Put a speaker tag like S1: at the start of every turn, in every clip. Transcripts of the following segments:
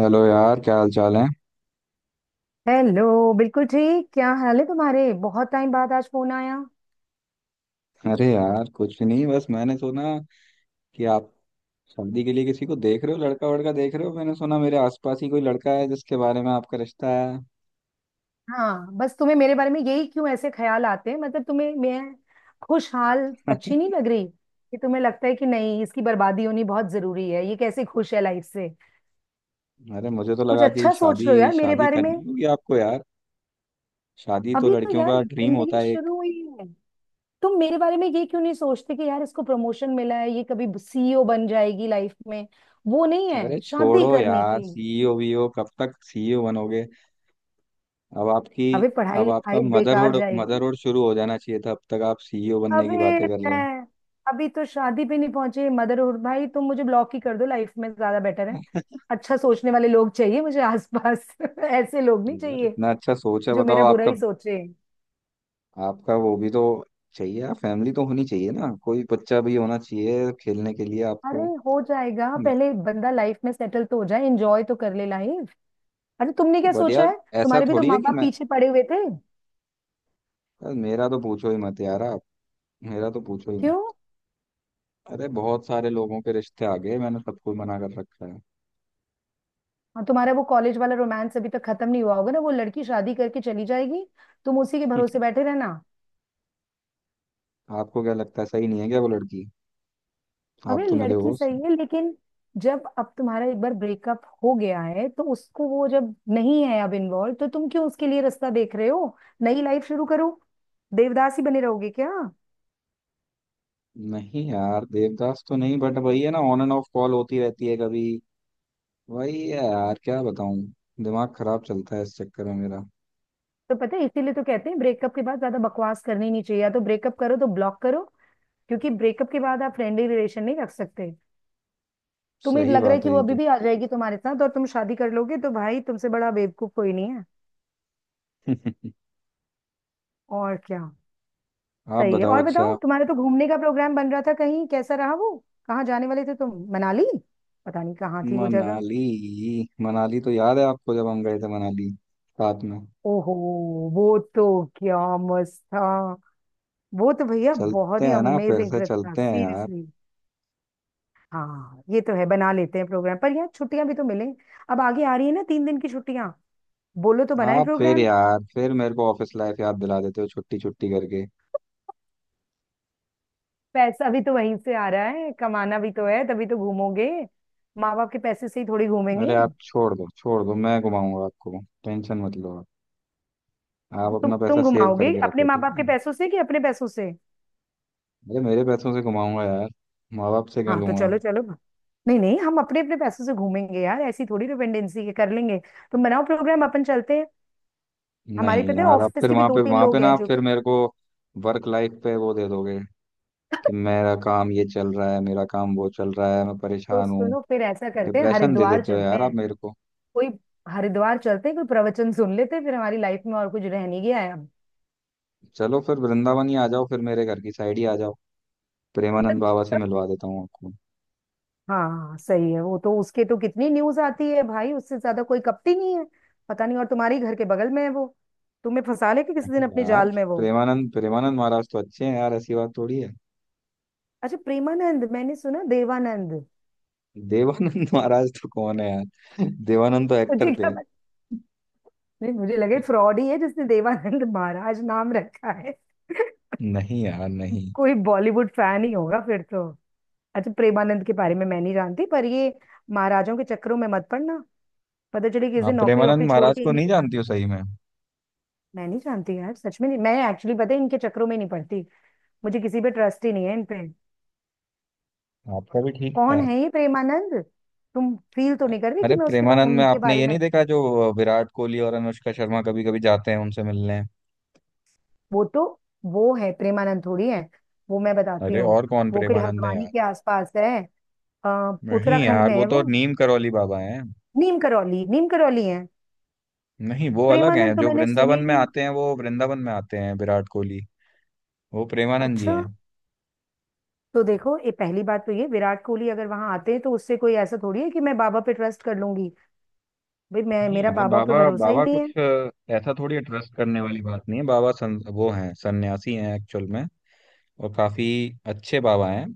S1: Hello यार, क्या हाल चाल है।
S2: हेलो, बिल्कुल ठीक। क्या हाल है तुम्हारे? बहुत टाइम बाद आज फोन आया।
S1: अरे यार, कुछ नहीं, बस मैंने सुना कि आप शादी के लिए किसी को देख रहे हो, लड़का वड़का देख रहे हो। मैंने सुना मेरे आसपास ही कोई लड़का है जिसके बारे में आपका रिश्ता है।
S2: हाँ, बस तुम्हें मेरे बारे में यही क्यों ऐसे ख्याल आते हैं? मतलब तुम्हें मैं खुशहाल अच्छी नहीं लग रही कि तुम्हें लगता है कि नहीं, इसकी बर्बादी होनी बहुत जरूरी है? ये कैसे खुश है लाइफ से।
S1: अरे, मुझे तो
S2: कुछ
S1: लगा कि
S2: अच्छा सोच
S1: शादी
S2: लो यार मेरे
S1: शादी
S2: बारे में।
S1: करनी होगी आपको यार। शादी तो
S2: अभी तो
S1: लड़कियों
S2: यार
S1: का ड्रीम होता
S2: जिंदगी
S1: है एक।
S2: शुरू हुई है। तुम मेरे बारे में ये क्यों नहीं सोचते कि यार इसको प्रमोशन मिला है, ये कभी सीईओ बन जाएगी लाइफ में। वो नहीं
S1: अरे
S2: है शादी
S1: छोड़ो
S2: करने
S1: यार,
S2: की।
S1: सीईओ वीओ कब तक सीईओ बनोगे। अब आपकी,
S2: अबे पढ़ाई
S1: अब
S2: लिखाई
S1: आपका
S2: बेकार
S1: मदरहुड
S2: जाएगी।
S1: मदरहुड शुरू हो जाना चाहिए था, अब तक आप सीईओ बनने की
S2: अबे
S1: बातें कर रहे हो।
S2: मैं, अभी तो शादी पे नहीं पहुंचे, मदरहुड? भाई तुम मुझे ब्लॉक ही कर दो, लाइफ में ज्यादा बेटर है। अच्छा सोचने वाले लोग चाहिए मुझे आसपास ऐसे लोग नहीं
S1: यार
S2: चाहिए
S1: इतना अच्छा सोच है
S2: जो
S1: बताओ
S2: मेरा बुरा
S1: आपका।
S2: ही सोचे।
S1: आपका वो भी तो चाहिए यार, फैमिली तो होनी चाहिए ना, कोई बच्चा भी होना चाहिए खेलने के लिए
S2: अरे
S1: आपको।
S2: हो जाएगा,
S1: मैं,
S2: पहले बंदा लाइफ में सेटल तो हो जाए, एंजॉय तो कर ले लाइफ। अरे तुमने
S1: तो
S2: क्या
S1: बट
S2: सोचा
S1: यार
S2: है?
S1: ऐसा
S2: तुम्हारे भी तो
S1: थोड़ी है
S2: माँ
S1: कि
S2: बाप
S1: मैं।
S2: पीछे पड़े हुए थे।
S1: यार मेरा तो पूछो ही मत यार आप, मेरा तो पूछो ही मत।
S2: क्यों?
S1: अरे बहुत सारे लोगों के रिश्ते आ गए, मैंने सबको मना कर रखा है।
S2: और तुम्हारा वो कॉलेज वाला रोमांस अभी तक खत्म नहीं हुआ होगा ना, वो लड़की शादी करके चली जाएगी, तुम उसी के भरोसे बैठे रहना।
S1: आपको क्या लगता है, सही नहीं है क्या वो लड़की? आप
S2: अबे
S1: तो मिले हो
S2: लड़की
S1: उससे।
S2: सही है, लेकिन जब अब तुम्हारा एक बार ब्रेकअप हो गया है, तो उसको वो जब नहीं है अब इन्वॉल्व, तो तुम क्यों उसके लिए रास्ता देख रहे हो? नई लाइफ शुरू करो। देवदास ही बने रहोगे क्या?
S1: नहीं यार देवदास तो नहीं, बट वही है ना, ऑन एंड ऑफ कॉल होती रहती है कभी। वही है यार, क्या बताऊं। दिमाग खराब चलता है इस चक्कर में मेरा।
S2: तो पता है, इसीलिए तो कहते हैं ब्रेकअप के बाद ज्यादा बकवास करनी नहीं चाहिए, या तो ब्रेकअप करो तो ब्लॉक करो, क्योंकि ब्रेकअप के बाद आप फ्रेंडली रिलेशन नहीं रख सकते। तुम्हें
S1: सही
S2: लग रहा है
S1: बात
S2: कि
S1: है
S2: वो
S1: ये
S2: अभी
S1: तो।
S2: भी आ जाएगी तुम्हारे साथ और तुम शादी कर लोगे, तो भाई तुमसे बड़ा बेवकूफ कोई नहीं है। और क्या।
S1: आप
S2: सही है।
S1: बताओ
S2: और बताओ,
S1: अच्छा।
S2: तुम्हारा तो घूमने का प्रोग्राम बन रहा था कहीं, कैसा रहा वो? कहाँ जाने वाले थे तुम, मनाली? पता नहीं कहाँ थी वो जगह।
S1: मनाली। मनाली तो याद है आपको, जब हम गए थे मनाली साथ में।
S2: ओहो, वो तो, क्या मस्त था। वो तो भैया बहुत
S1: चलते
S2: ही
S1: हैं ना, फिर
S2: अमेजिंग
S1: से
S2: ट्रिप था
S1: चलते हैं यार।
S2: सीरियसली। हाँ ये तो है, बना लेते हैं प्रोग्राम, पर यार छुट्टियां भी तो मिले। अब आगे आ रही है ना 3 दिन की छुट्टियां, बोलो तो बनाए
S1: आप फिर
S2: प्रोग्राम।
S1: यार, फिर मेरे को ऑफिस लाइफ याद दिला देते हो छुट्टी छुट्टी करके।
S2: पैसा भी तो वहीं से आ रहा है, कमाना भी तो है, तभी तो घूमोगे। माँ बाप के पैसे से ही थोड़ी
S1: अरे
S2: घूमेंगे।
S1: आप छोड़ दो छोड़ दो, मैं घुमाऊंगा आपको, टेंशन मत लो आप। आप
S2: तुम
S1: अपना पैसा
S2: तुम
S1: सेव
S2: घुमाओगे
S1: करके
S2: अपने
S1: रखो,
S2: माँ
S1: ठीक
S2: बाप के
S1: है।
S2: पैसों से कि अपने पैसों से?
S1: अरे मेरे पैसों से घुमाऊंगा यार, माँ बाप से क्यों
S2: हाँ तो
S1: लूंगा।
S2: चलो, चलो ना। नहीं नहीं, हम अपने अपने पैसों से घूमेंगे यार, ऐसी थोड़ी डिपेंडेंसी के कर लेंगे। तुम बनाओ प्रोग्राम, अपन चलते हैं। हमारे
S1: नहीं
S2: पता है
S1: यार, आप
S2: ऑफिस
S1: फिर
S2: के भी दो तीन
S1: वहां पे
S2: लोग
S1: ना,
S2: हैं
S1: आप
S2: जो
S1: फिर मेरे को वर्क लाइफ पे वो दे दोगे कि मेरा काम ये चल रहा है, मेरा काम वो चल रहा है, मैं
S2: तो
S1: परेशान हूँ।
S2: सुनो, फिर ऐसा करते हैं,
S1: डिप्रेशन दे
S2: हरिद्वार
S1: देते हो
S2: चलते
S1: यार आप
S2: हैं।
S1: मेरे को।
S2: कोई हरिद्वार चलते हैं, कोई प्रवचन सुन लेते हैं, फिर हमारी लाइफ में और कुछ रह नहीं गया है अब।
S1: चलो फिर वृंदावन ही आ जाओ, फिर मेरे घर की साइड ही आ जाओ। प्रेमानंद बाबा से मिलवा देता हूँ आपको।
S2: हाँ सही है। वो तो, उसके तो कितनी न्यूज आती है भाई, उससे ज्यादा कोई कपटी नहीं है। पता नहीं, और तुम्हारे ही घर के बगल में है वो, तुम्हें फंसा लेगा किसी
S1: नहीं
S2: दिन अपने
S1: यार,
S2: जाल में वो।
S1: प्रेमानंद प्रेमानंद महाराज तो अच्छे हैं यार, ऐसी बात थोड़ी है।
S2: अच्छा प्रेमानंद? मैंने सुना देवानंद।
S1: देवानंद महाराज तो कौन है यार। देवानंद तो एक्टर
S2: मुझे क्या,
S1: थे।
S2: नहीं मुझे लगे फ्रॉड ही है जिसने देवानंद महाराज नाम रखा है।
S1: नहीं यार नहीं।
S2: कोई बॉलीवुड फैन ही होगा फिर तो। अच्छा, प्रेमानंद के बारे में मैं नहीं जानती, पर ये महाराजों के चक्करों में मत पड़ना। पता चले किसी दिन
S1: आप
S2: नौकरी
S1: प्रेमानंद
S2: वोकरी छोड़
S1: महाराज
S2: के
S1: को
S2: इन्हीं
S1: नहीं
S2: के साथ।
S1: जानती हो सही में।
S2: मैं नहीं जानती यार, सच में नहीं, मैं एक्चुअली पता है इनके चक्करों में नहीं पड़ती। मुझे किसी पे ट्रस्ट ही नहीं है इन पे।
S1: आपका भी ठीक
S2: कौन
S1: है।
S2: है ये प्रेमानंद? तुम फील तो नहीं कर रही कि
S1: अरे
S2: मैं
S1: प्रेमानंद में
S2: उनके
S1: आपने
S2: बारे
S1: ये
S2: में...
S1: नहीं देखा, जो विराट कोहली और अनुष्का शर्मा कभी कभी जाते हैं उनसे मिलने।
S2: वो तो, वो है प्रेमानंद थोड़ी है, वो मैं बताती
S1: अरे
S2: हूँ।
S1: और कौन
S2: वो कोई
S1: प्रेमानंद है
S2: हल्द्वानी
S1: यार।
S2: के आसपास है,
S1: नहीं
S2: उत्तराखंड
S1: यार,
S2: में
S1: वो
S2: है
S1: तो
S2: वो।
S1: नीम करौली बाबा हैं।
S2: नीम करौली, नीम करौली है।
S1: नहीं, वो अलग हैं
S2: प्रेमानंद तो
S1: जो
S2: मैंने सुने
S1: वृंदावन
S2: ही
S1: में
S2: नहीं।
S1: आते हैं, वो वृंदावन में आते हैं विराट कोहली। वो प्रेमानंद जी
S2: अच्छा।
S1: हैं।
S2: तो देखो, ये पहली बात तो ये विराट कोहली अगर वहां आते हैं, तो उससे कोई ऐसा थोड़ी है कि मैं बाबा पे ट्रस्ट कर लूंगी। भाई मैं,
S1: नहीं
S2: मेरा
S1: यार,
S2: बाबा पे
S1: बाबा
S2: भरोसा ही
S1: बाबा
S2: नहीं है।
S1: कुछ ऐसा थोड़ी है, ट्रस्ट करने वाली बात नहीं है, वो हैं सन्यासी हैं एक्चुअल में। और काफी अच्छे बाबा हैं।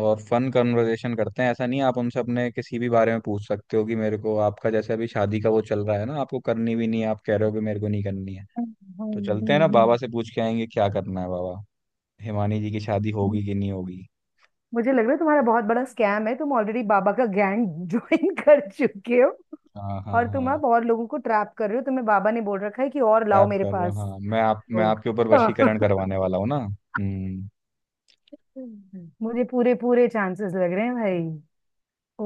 S1: और फन कन्वर्सेशन करते हैं, ऐसा नहीं है, आप उनसे अपने किसी भी बारे में पूछ सकते हो। कि मेरे को आपका जैसे अभी शादी का वो चल रहा है ना, आपको करनी भी नहीं है, आप कह रहे हो कि मेरे को नहीं करनी है।
S2: हम्म।
S1: तो
S2: हम्म,
S1: चलते हैं ना,
S2: हम्म,
S1: बाबा से पूछ के आएंगे क्या करना है। बाबा, हिमानी जी की शादी
S2: हम्म।
S1: होगी कि नहीं होगी।
S2: मुझे लग रहा है तुम्हारा बहुत बड़ा स्कैम है, तुम ऑलरेडी बाबा का गैंग ज्वाइन कर चुके हो,
S1: हाँ हाँ
S2: और तुम
S1: हाँ।
S2: अब और लोगों को ट्रैप कर रहे हो, तुम्हें बाबा ने बोल रखा है कि और लाओ
S1: रैप
S2: मेरे
S1: कर रहे हो,
S2: पास
S1: हाँ, मैं आप, मैं
S2: लोग।
S1: आपके ऊपर वशीकरण करवाने वाला हूँ ना। हम्म।
S2: मुझे पूरे पूरे चांसेस लग रहे हैं भाई।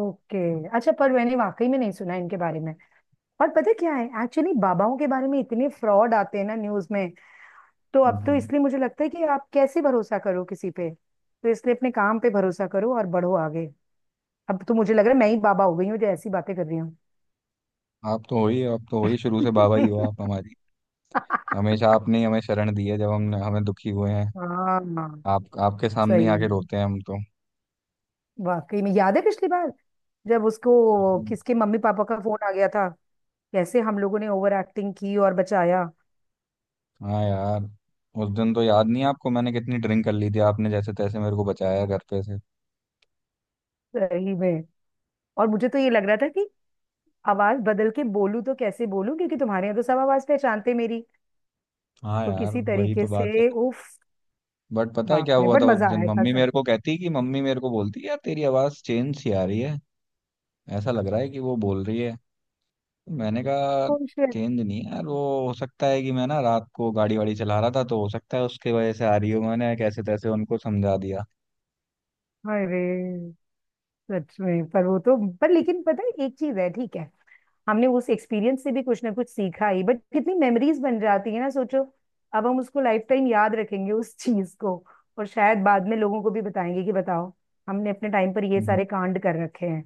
S2: ओके। अच्छा, पर मैंने वाकई में नहीं सुना इनके बारे में, और पता क्या है, एक्चुअली बाबाओं के बारे में इतने फ्रॉड आते हैं ना न्यूज में, तो अब तो
S1: हम्म।
S2: इसलिए मुझे लगता है कि आप कैसे भरोसा करो किसी पे, तो इसलिए अपने काम पे भरोसा करो और बढ़ो आगे। अब तो मुझे लग रहा है मैं ही बाबा हो गई हूँ जो ऐसी बातें कर रही हूँ।
S1: आप तो हो ही, आप तो हो ही शुरू से बाबा ही हो आप हमारी। हमेशा आपने ही हमें शरण दी है, जब हम हमें दुखी हुए हैं।
S2: हाँ हाँ,
S1: आप आपके सामने
S2: सही
S1: ही आके
S2: में।
S1: रोते हैं हम तो।
S2: वाकई में याद है पिछली बार, जब उसको
S1: हम्म।
S2: किसके मम्मी पापा का फोन आ गया था, कैसे हम लोगों ने ओवर एक्टिंग की और बचाया।
S1: हाँ यार। उस दिन तो याद नहीं है आपको, मैंने कितनी ड्रिंक कर ली थी, आपने जैसे तैसे मेरे को बचाया घर पे से।
S2: सही में, और मुझे तो ये लग रहा था कि आवाज बदल के बोलूं तो कैसे बोलूं, क्योंकि तुम्हारे यहाँ तो सब आवाज पहचानते मेरी।
S1: हाँ
S2: तो
S1: यार,
S2: किसी
S1: वही
S2: तरीके
S1: तो बात है।
S2: से, उफ।
S1: बट पता है क्या
S2: बाप रे,
S1: हुआ
S2: बट
S1: था उस
S2: मजा
S1: दिन,
S2: आया था
S1: मम्मी
S2: सच।
S1: मेरे को कहती, कि मम्मी मेरे को बोलती यार तेरी आवाज़ चेंज सी आ रही है। ऐसा लग रहा है कि वो बोल रही है। मैंने कहा
S2: Oh shit,
S1: गेंद नहीं यार वो, हो सकता है कि मैं ना रात को गाड़ी वाड़ी चला रहा था, तो हो सकता है उसके वजह से आ रही हो। मैंने कैसे तैसे उनको समझा दिया।
S2: अरे सच में। पर वो तो, पर लेकिन पता है एक चीज है, ठीक है, हमने उस एक्सपीरियंस से भी कुछ ना कुछ सीखा ही, बट कितनी मेमोरीज बन जाती है ना सोचो, अब हम उसको लाइफ टाइम याद रखेंगे उस चीज को। और शायद बाद में लोगों को भी बताएंगे कि बताओ, हमने अपने टाइम पर ये
S1: हम्म।
S2: सारे कांड कर रखे हैं।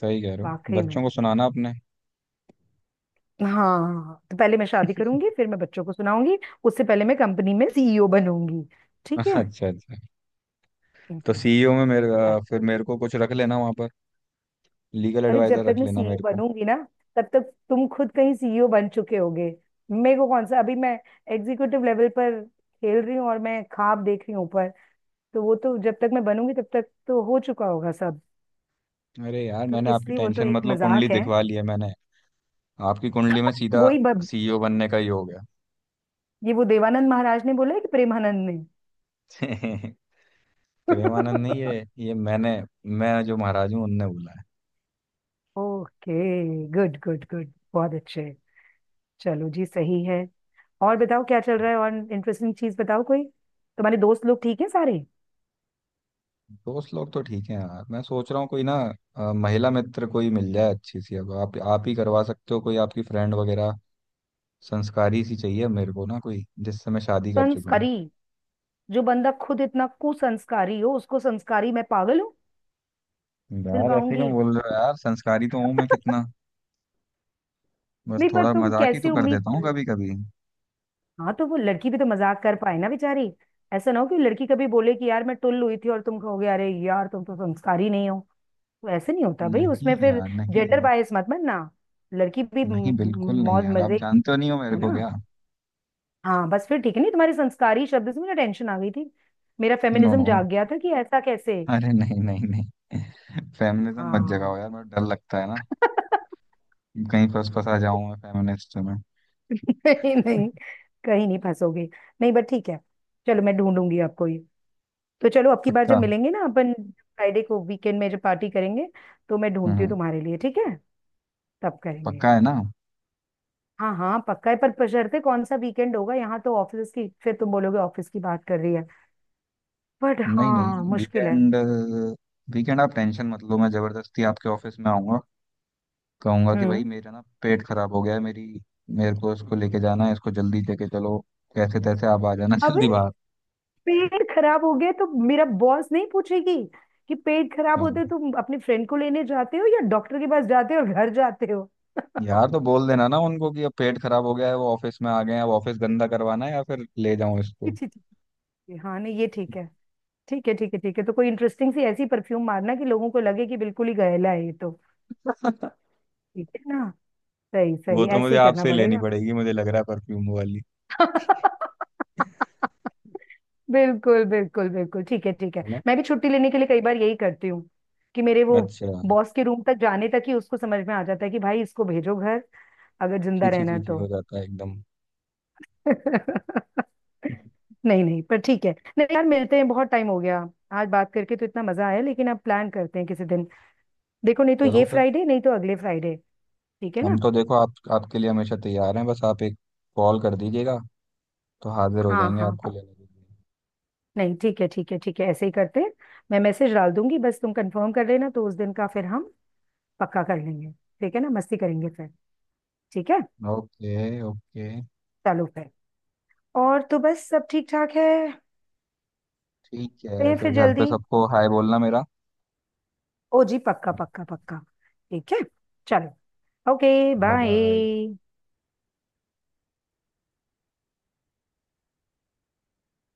S1: सही कह रहे हो,
S2: वाकई में।
S1: बच्चों को सुनाना अपने।
S2: हाँ, तो पहले मैं शादी करूंगी, फिर मैं बच्चों को सुनाऊंगी, उससे पहले मैं कंपनी में सीईओ बनूंगी। ठीक
S1: अच्छा
S2: है।
S1: अच्छा। तो
S2: हाँ।
S1: सीईओ में मेरे
S2: अरे,
S1: फिर मेरे को कुछ रख लेना वहां पर। लीगल
S2: अरे, जब
S1: एडवाइजर
S2: तक
S1: रख
S2: मैं
S1: लेना
S2: सीईओ
S1: मेरे को।
S2: बनूंगी ना, तब तक तुम खुद कहीं सीईओ बन चुके होगे। मेरे को कौन सा, अभी मैं एग्जीक्यूटिव लेवल पर खेल रही हूँ और मैं ख्वाब देख रही हूँ ऊपर। तो वो तो जब तक मैं बनूंगी, तब तक तो हो चुका होगा सब।
S1: अरे यार,
S2: तो
S1: मैंने आपकी
S2: इसलिए वो तो
S1: टेंशन
S2: एक
S1: मतलब कुंडली
S2: मजाक है।
S1: दिखवा ली है मैंने। आपकी कुंडली में सीधा
S2: वही ब-
S1: सीईओ बनने का ही हो गया।
S2: ये वो देवानंद महाराज ने बोला है कि प्रेमानंद ने?
S1: प्रेमानंद नहीं, ये ये मैंने, मैं जो महाराज हूँ उनने बोला।
S2: ओके, गुड गुड गुड, बहुत अच्छे। चलो जी सही है। और बताओ क्या चल रहा है? और इंटरेस्टिंग चीज बताओ कोई। तुम्हारे दोस्त लोग ठीक है सारे?
S1: दोस्त लोग तो ठीक है यार, मैं सोच रहा हूँ कोई ना महिला मित्र कोई मिल जाए अच्छी सी। अब आप ही करवा सकते हो कोई, आपकी फ्रेंड वगैरह। संस्कारी सी चाहिए मेरे को ना कोई, जिससे मैं शादी कर चुकूं।
S2: संस्कारी? जो बंदा खुद इतना कुसंस्कारी हो, उसको संस्कारी, मैं पागल हूँ
S1: यार ऐसे
S2: दिलवाऊंगी।
S1: क्यों बोल रहे हो यार, संस्कारी तो हूँ मैं कितना। बस
S2: नहीं पर
S1: थोड़ा
S2: तुम
S1: मजाक ही तो
S2: कैसे
S1: कर
S2: उम्मीद...
S1: देता हूँ कभी कभी।
S2: हाँ, तो वो लड़की भी तो मजाक कर पाए ना बेचारी, ऐसा ना हो कि लड़की कभी बोले कि यार मैं टुल्ल हुई थी, और तुम कहोगे अरे यार तुम तो संस्कारी नहीं हो, तो ऐसे नहीं होता भाई
S1: नहीं
S2: उसमें फिर।
S1: यार नहीं।
S2: जेंडर बायस मत मानना, लड़की भी
S1: नहीं बिल्कुल नहीं
S2: मौज
S1: यार,
S2: मजे।
S1: आप जानते हो नहीं हो मेरे
S2: है
S1: को
S2: ना?
S1: क्या।
S2: हाँ, बस फिर ठीक है, नहीं तुम्हारे संस्कारी शब्द से मुझे टेंशन आ गई थी, मेरा
S1: नो
S2: फेमिनिज्म
S1: नो,
S2: जाग गया था कि ऐसा कैसे।
S1: अरे नहीं नहीं नहीं। फेमिनिज्म मत जगाओ
S2: हाँ।
S1: यार, मेरा डर लगता है ना। कहीं फंस फंसा जाऊं मैं फेमिनिस्ट में।
S2: नहीं नहीं, कहीं नहीं फंसोगे। नहीं बट ठीक है, चलो मैं ढूंढूंगी आपको ये। तो चलो अब की बार
S1: पक्का।
S2: जब मिलेंगे ना, अपन फ्राइडे को वीकेंड में जब पार्टी करेंगे, तो मैं ढूंढती हूँ
S1: हम्म।
S2: तुम्हारे लिए, ठीक है? तब करेंगे।
S1: पक्का है ना?
S2: हाँ हाँ पक्का है, पर बशर्ते कौन सा वीकेंड होगा, यहाँ तो ऑफिस की, फिर तुम बोलोगे ऑफिस की बात कर रही है, बट
S1: नहीं नहीं,
S2: हाँ मुश्किल है।
S1: वीकेंड, वीकेंड आप टेंशन मत लो, मैं जबरदस्ती आपके ऑफिस में आऊंगा। कहूंगा कि भाई
S2: हम्म।
S1: मेरा ना पेट खराब हो गया है, मेरी, मेरे को इसको लेके जाना है, इसको जल्दी लेके चलो। कैसे तैसे आप आ जाना
S2: अब,
S1: जल्दी बाहर।
S2: पेट खराब हो गया तो मेरा बॉस नहीं पूछेगी कि पेट खराब होते
S1: हाँ
S2: हो तुम अपने फ्रेंड को लेने जाते हो या डॉक्टर के पास जाते हो और घर जाते हो?
S1: यार, तो बोल देना ना उनको कि अब पेट खराब हो गया है, वो ऑफिस में आ गए हैं, अब ऑफिस गंदा करवाना है या फिर ले जाऊं इसको।
S2: ठीक ठीक, ठीक हाँ, नहीं ये ठीक है, ठीक है ठीक है ठीक है, तो कोई इंटरेस्टिंग सी ऐसी परफ्यूम मारना कि लोगों को लगे कि बिल्कुल ही गैला है ये तो। ठीक है ना? सही
S1: वो
S2: सही
S1: तो
S2: ऐसे
S1: मुझे
S2: ही करना
S1: आपसे ही लेनी
S2: पड़ेगा।
S1: पड़ेगी, मुझे लग रहा है परफ्यूम वाली।
S2: बिल्कुल बिल्कुल बिल्कुल ठीक है, ठीक है
S1: है ना।
S2: मैं भी छुट्टी लेने के लिए कई बार यही करती हूँ, कि मेरे वो
S1: अच्छा।
S2: बॉस के रूम तक जाने तक ही उसको समझ में आ जाता है कि भाई इसको भेजो घर अगर जिंदा
S1: छी छी
S2: रहना है
S1: छी छी
S2: तो।
S1: हो जाता है एकदम।
S2: नहीं नहीं पर ठीक है, नहीं यार मिलते हैं, बहुत टाइम हो गया, आज बात करके तो इतना मजा आया, लेकिन अब प्लान करते हैं किसी दिन, देखो नहीं तो
S1: चलो
S2: ये
S1: फिर।
S2: फ्राइडे नहीं तो अगले फ्राइडे। ठीक है
S1: हम
S2: ना?
S1: तो देखो, आप, आपके लिए हमेशा तैयार हैं, बस आप एक कॉल कर दीजिएगा, तो हाजिर हो
S2: हाँ
S1: जाएंगे
S2: हाँ,
S1: आपको लेने के
S2: नहीं ठीक है ठीक है ठीक है, ऐसे ही करते हैं, मैं मैसेज डाल दूंगी, बस तुम कंफर्म कर लेना, तो उस दिन का फिर हम पक्का कर लेंगे। ठीक है ना? मस्ती करेंगे फिर। ठीक है।
S1: लिए। Okay okay.
S2: चलो फिर। और तो बस सब ठीक ठाक है।
S1: ठीक है,
S2: कहीं
S1: फिर
S2: फिर
S1: घर पे
S2: जल्दी।
S1: सबको हाय बोलना मेरा।
S2: ओ जी, पक्का पक्का पक्का। ठीक है। चलो। ओके।
S1: Bye bye.
S2: बाय।